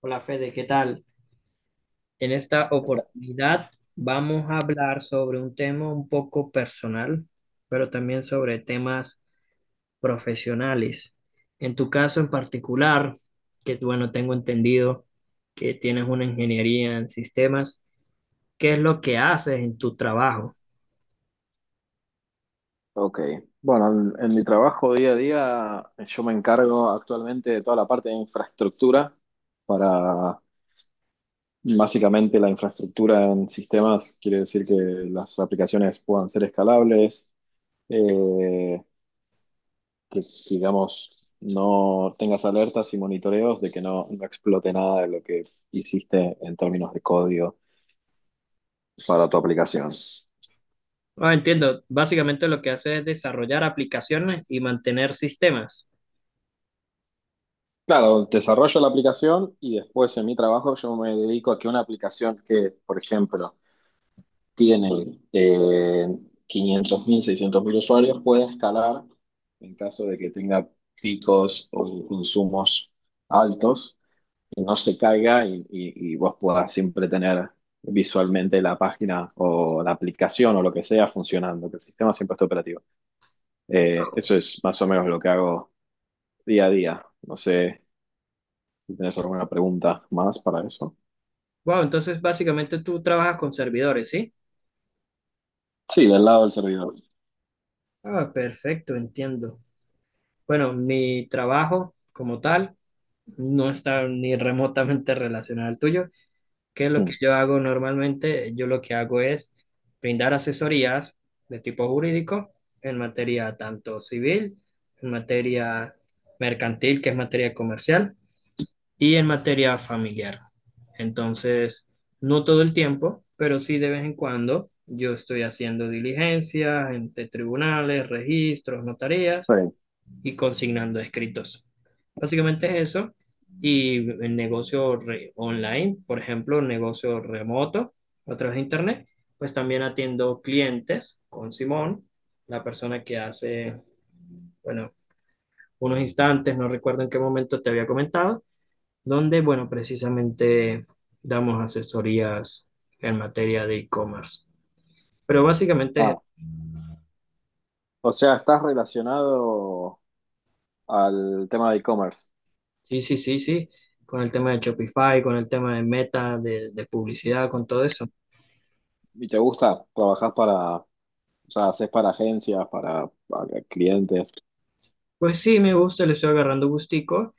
Hola Fede, ¿qué tal? En esta Está- oportunidad vamos a hablar sobre un tema un poco personal, pero también sobre temas profesionales. En tu caso en particular, que bueno, tengo entendido que tienes una ingeniería en sistemas, ¿qué es lo que haces en tu trabajo? Ok, bueno, en mi trabajo día a día yo me encargo actualmente de toda la parte de infraestructura para básicamente la infraestructura en sistemas, quiere decir que las aplicaciones puedan ser escalables, eh, que digamos no tengas alertas y monitoreos de que no explote nada de lo que hiciste en términos de código para tu aplicación. Ah, entiendo, básicamente lo que haces es desarrollar aplicaciones y mantener sistemas. Claro, desarrollo la aplicación y después en mi trabajo yo me dedico a que una aplicación que, por ejemplo, tiene quinientos mil, seiscientos mil usuarios pueda escalar en caso de que tenga picos o consumos altos y no se caiga y vos puedas siempre tener visualmente la página o la aplicación o lo que sea funcionando, que el sistema siempre esté operativo. Eso es más o menos lo que hago día a día. No sé si tienes alguna pregunta más para eso. Wow, entonces básicamente tú trabajas con servidores, ¿sí? Sí, del lado del servidor. Ah, perfecto, entiendo. Bueno, mi trabajo como tal no está ni remotamente relacionado al tuyo. ¿Qué es lo que Mm, yo hago normalmente? Yo lo que hago es brindar asesorías de tipo jurídico en materia tanto civil, en materia mercantil, que es materia comercial, y en materia familiar. Entonces, no todo el tiempo, pero sí de vez en cuando yo estoy haciendo diligencias entre tribunales, registros, notarías está bien. y consignando escritos. Básicamente es eso. Y el negocio online, por ejemplo, negocio remoto a través de internet, pues también atiendo clientes con Simón, la persona que hace, bueno, unos instantes, no recuerdo en qué momento te había comentado, donde, bueno, precisamente damos asesorías en materia de e-commerce. Pero básicamente, Ah, o sea, estás relacionado al tema de e-commerce sí, sí, sí, sí, con el tema de Shopify, con el tema de Meta, de publicidad, con todo eso. y te gusta, trabajas o sea, haces para agencias, para clientes. Pues sí, me gusta, le estoy agarrando gustico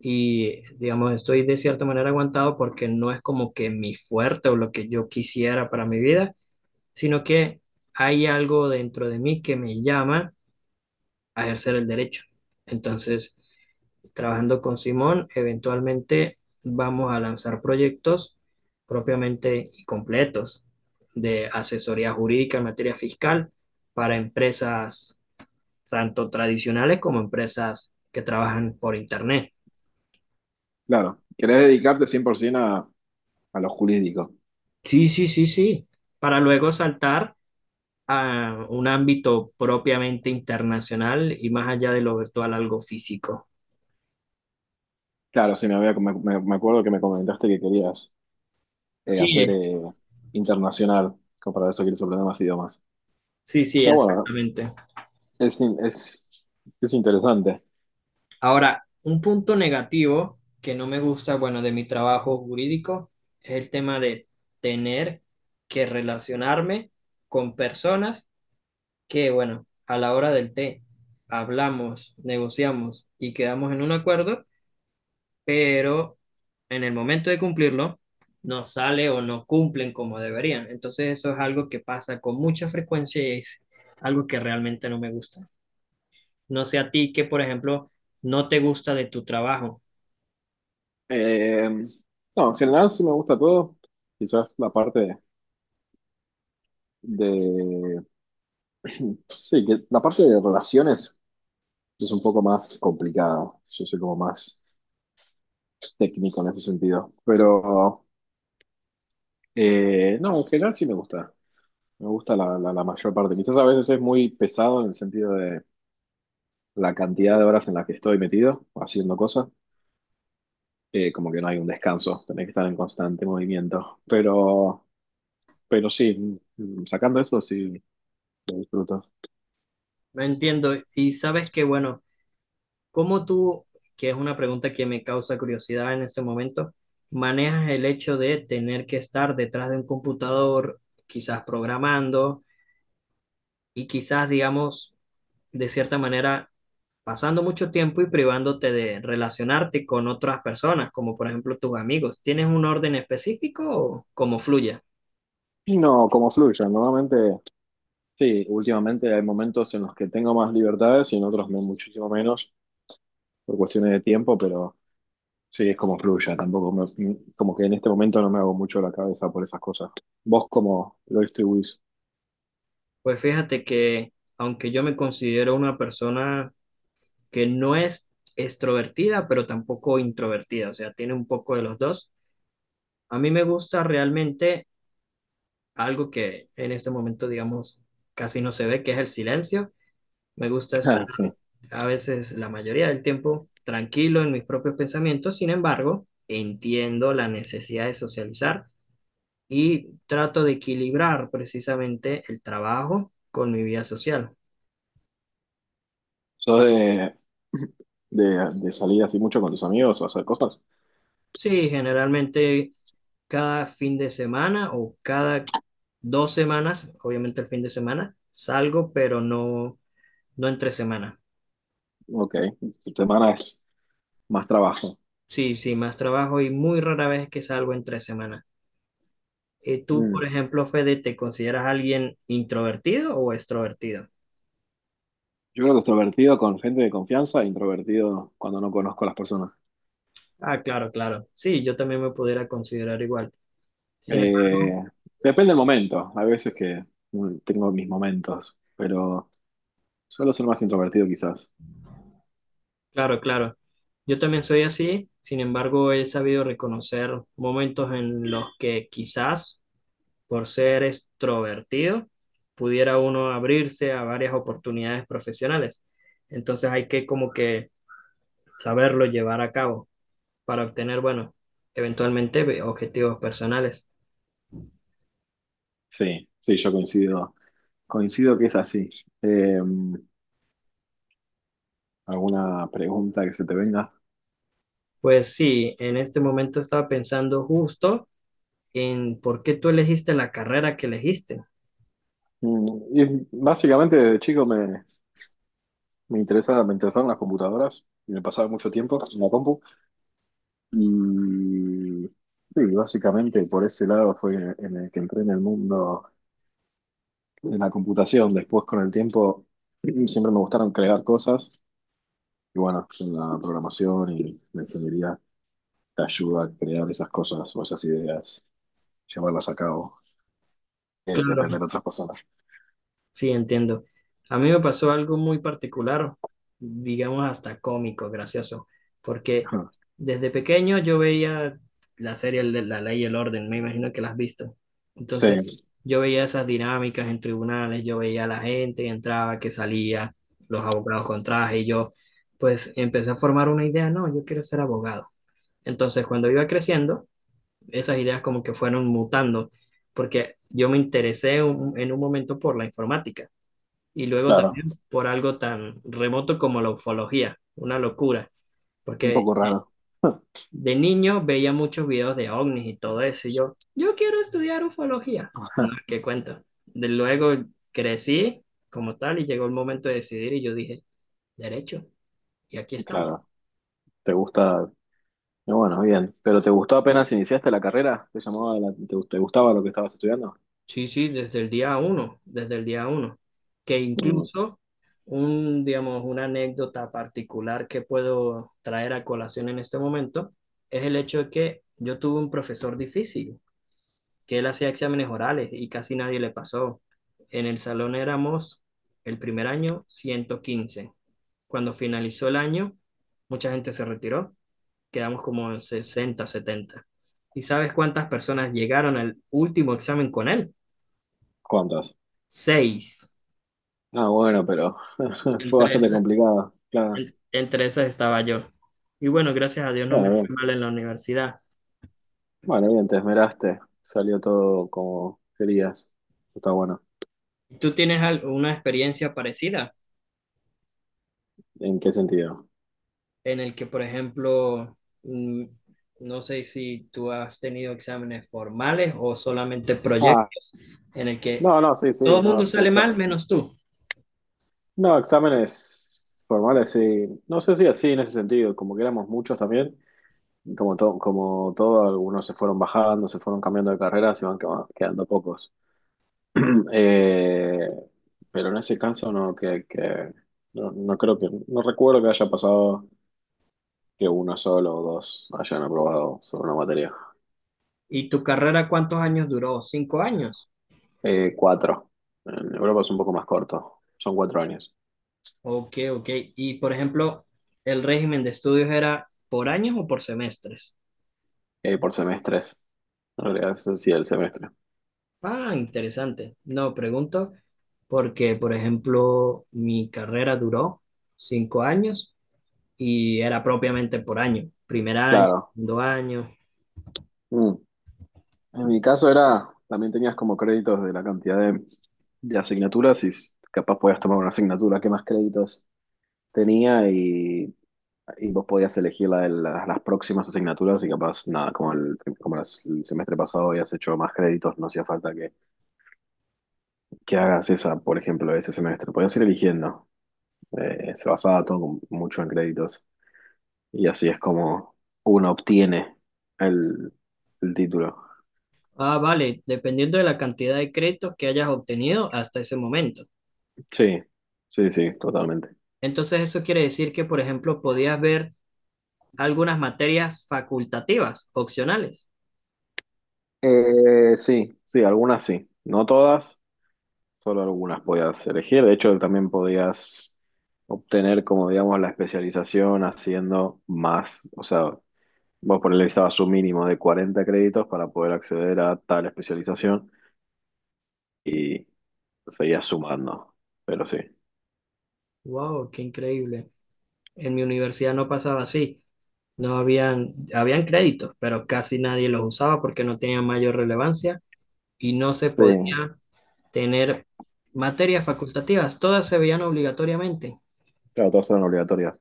y digamos, estoy de cierta manera aguantado porque no es como que mi fuerte o lo que yo quisiera para mi vida, sino que hay algo dentro de mí que me llama a ejercer el derecho. Entonces, trabajando con Simón, eventualmente vamos a lanzar proyectos propiamente y completos de asesoría jurídica en materia fiscal para empresas tanto tradicionales como empresas que trabajan por Internet. Claro, querés dedicarte 100% a lo jurídico. Sí, sí, sí, sí, para luego saltar a un ámbito propiamente internacional y más allá de lo virtual, algo físico. Claro, sí, me acuerdo que me comentaste que querías Sí, hacer internacional, como para eso quieres aprender más idiomas. sí, sí, Está bueno, exactamente. es, in- es, es interesante. Ahora, un punto negativo que no me gusta, bueno, de mi trabajo jurídico es el tema de tener que relacionarme con personas que, bueno, a la hora del té hablamos, negociamos y quedamos en un acuerdo, pero en el momento de cumplirlo no sale o no cumplen como deberían. Entonces eso es algo que pasa con mucha frecuencia y es algo que realmente no me gusta. No sé a ti que, por ejemplo, no te gusta de tu trabajo. Eh, no, en general sí me gusta todo. Quizás la parte de… Sí, que la parte de relaciones es un poco más complicada. Yo soy como más técnico en ese sentido. Pero no, en general sí me gusta. Me gusta la mayor parte. Quizás a veces es muy pesado en el sentido de la cantidad de horas en las que estoy metido haciendo cosas. Como que no hay un descanso. Tenés que estar en constante movimiento. Pero sí, sacando eso sí lo disfruto. No entiendo. Y sabes que, bueno, ¿cómo tú, que es una pregunta que me causa curiosidad en este momento, manejas el hecho de tener que estar detrás de un computador, quizás programando y quizás, digamos, de cierta manera, pasando mucho tiempo y privándote de relacionarte con otras personas, como por ejemplo tus amigos? ¿Tienes un orden específico o cómo fluye? Y no, como fluya. Normalmente, sí, últimamente hay momentos en los que tengo más libertades y en otros muchísimo menos por cuestiones de tiempo, pero sí, es como fluya. Tampoco como que en este momento no me hago mucho la cabeza por esas cosas. ¿Vos cómo lo distribuís? Pues fíjate que, aunque yo me considero una persona que no es extrovertida, pero tampoco introvertida, o sea, tiene un poco de los dos. A mí me gusta realmente algo que en este momento, digamos, casi no se ve, que es el silencio. Me gusta estar Ah, sí. a veces la mayoría del tiempo tranquilo en mis propios pensamientos. Sin embargo, entiendo la necesidad de socializar y trato de equilibrar precisamente el trabajo con mi vida social. ¿Sos de salir así mucho con tus amigos o hacer cosas? Sí, generalmente cada fin de semana o cada 2 semanas, obviamente el fin de semana, salgo, pero no, no entre semana. Ok, tu semana es más trabajo. Sí, sí, más trabajo y muy rara vez que salgo en 3 semanas. Tú, Mm. por ejemplo, Fede, ¿te consideras alguien introvertido o extrovertido? Yo creo que extrovertido con gente de confianza, introvertido cuando no conozco a las personas. Ah, claro, claro. Sí, yo también me pudiera considerar igual. Sin Eh, embargo, Depende del momento. A veces que tengo mis momentos, pero suelo ser más introvertido quizás. claro, claro. Yo también soy así, sin embargo, he sabido reconocer momentos en los que quizás, por ser extrovertido, pudiera uno abrirse a varias oportunidades profesionales. Entonces hay que como que saberlo llevar a cabo para obtener, bueno, eventualmente objetivos personales. Sí, sí, yo coincido. Coincido que es así. Eh, ¿Alguna pregunta que se te venga? Pues sí, en este momento estaba pensando justo en por qué tú elegiste la carrera que elegiste. Mm, y básicamente de chico me interesaron las computadoras y me pasaba mucho tiempo en la compu. Y sí, básicamente por ese lado fue en el que entré en el mundo de la computación. Después con el tiempo siempre me gustaron crear cosas. Y bueno, pues, en la programación y la ingeniería te ayuda a crear esas cosas o esas ideas, llevarlas a cabo, depender Claro, de otras personas. sí, entiendo. A mí me pasó algo muy particular, digamos hasta cómico, gracioso, porque desde pequeño yo veía la serie de La Ley y el Orden, me imagino que la has visto. Entonces, Sí, yo veía esas dinámicas en tribunales, yo veía a la gente que entraba, que salía, los abogados con traje, y yo pues empecé a formar una idea, no, yo quiero ser abogado. Entonces, cuando iba creciendo, esas ideas como que fueron mutando, porque yo me interesé en un momento por la informática. Y luego claro, también por algo tan remoto como la ufología, una locura, un porque poco de, raro. de niño veía muchos videos de ovnis y todo eso, y yo quiero estudiar ufología. No, qué cuento. De luego crecí como tal y llegó el momento de decidir y yo dije, derecho, y aquí estamos. Claro, te gusta, y bueno, bien, pero ¿te gustó apenas iniciaste la carrera? ¿Te llamaba te gustaba lo que estabas estudiando? Sí, sí, desde el día uno, desde el día uno. Que Mm, incluso digamos, una anécdota particular que puedo traer a colación en este momento es el hecho de que yo tuve un profesor difícil, que él hacía exámenes orales y casi nadie le pasó. En el salón éramos el primer año 115. Cuando finalizó el año, mucha gente se retiró, quedamos como en 60, 70. ¿Y sabes cuántas personas llegaron al último examen con él? ¿cuántas? Seis. Ah, bueno, pero fue Entre bastante esas, complicado, claro. Entre esas estaba yo. Y bueno, gracias a Dios no me Bueno, bien, fue mal en la universidad. bueno, bien, te esmeraste, salió todo como querías, está bueno. ¿Tú tienes una experiencia parecida ¿En qué sentido? en el que, por ejemplo, mm, no sé si tú has tenido exámenes formales o solamente Ah, proyectos en el que no, sí, todo sí, el no, mundo sí, sale mal menos tú? no, exámenes formales, sí. No sé si así en ese sentido, como que éramos muchos también, y como todo, algunos se fueron bajando, se fueron cambiando de carreras y van quedando pocos. Eh, pero en ese caso no, que no, no creo que, no recuerdo que haya pasado que uno solo o dos hayan aprobado sobre una materia. ¿Y tu carrera cuántos años duró? ¿5 años? Cuatro. En Europa es un poco más corto, son cuatro años, Ok, ok. Y, por ejemplo, ¿el régimen de estudios era por años o por semestres? Por semestres. En realidad es así el semestre. Ah, interesante. No, pregunto porque, por ejemplo, mi carrera duró 5 años y era propiamente por año, primer año, Claro. segundo año. Mm. En mi caso era, también tenías como créditos de la cantidad de asignaturas y capaz podías tomar una asignatura que más créditos tenía y vos podías elegir las próximas asignaturas y capaz, nada, como el semestre pasado habías hecho más créditos, no hacía falta que hagas esa, por ejemplo, ese semestre. Podías ir eligiendo. Se basaba mucho en créditos y así es como uno obtiene el, el título. Ah, vale, dependiendo de la cantidad de créditos que hayas obtenido hasta ese momento. Sí, sí, sí, totalmente. Entonces, eso quiere decir que, por ejemplo, podías ver algunas materias facultativas, opcionales. Sí, sí, algunas sí. No todas, solo algunas podías elegir. De hecho, también podías obtener, como digamos, la especialización haciendo más. O sea, vos por ahí necesitabas un mínimo de 40 créditos para poder acceder a tal especialización y seguías sumando. Pero sí. Wow, qué increíble. En mi universidad no pasaba así. No habían, habían créditos, pero casi nadie los usaba porque no tenían mayor relevancia y no se Sí, podía tener materias facultativas, todas se veían obligatoriamente. claro, todas eran obligatorias.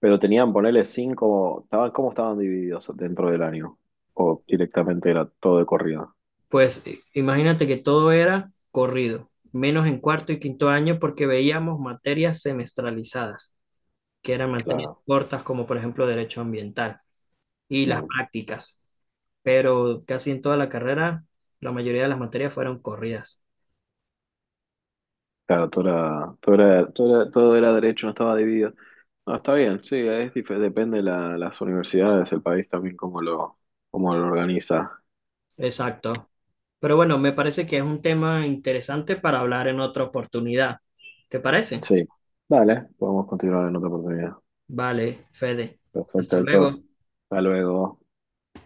Pero tenían, ponerle cinco, estaban, ¿cómo estaban divididos dentro del año? O directamente era todo de corrido. Pues imagínate que todo era corrido, menos en cuarto y quinto año porque veíamos materias semestralizadas, que eran materias Claro. cortas como por ejemplo derecho ambiental y las Bien. prácticas. Pero casi en toda la carrera la mayoría de las materias fueron corridas. Claro, todo era derecho, no estaba dividido. No, está bien, sí, es, depende de las universidades, el país también cómo lo organiza. Exacto. Pero bueno, me parece que es un tema interesante para hablar en otra oportunidad. ¿Te parece? Sí, dale, podemos continuar en otra oportunidad. Vale, Fede. Hasta Perfecto, luego. Héctor. Hasta luego.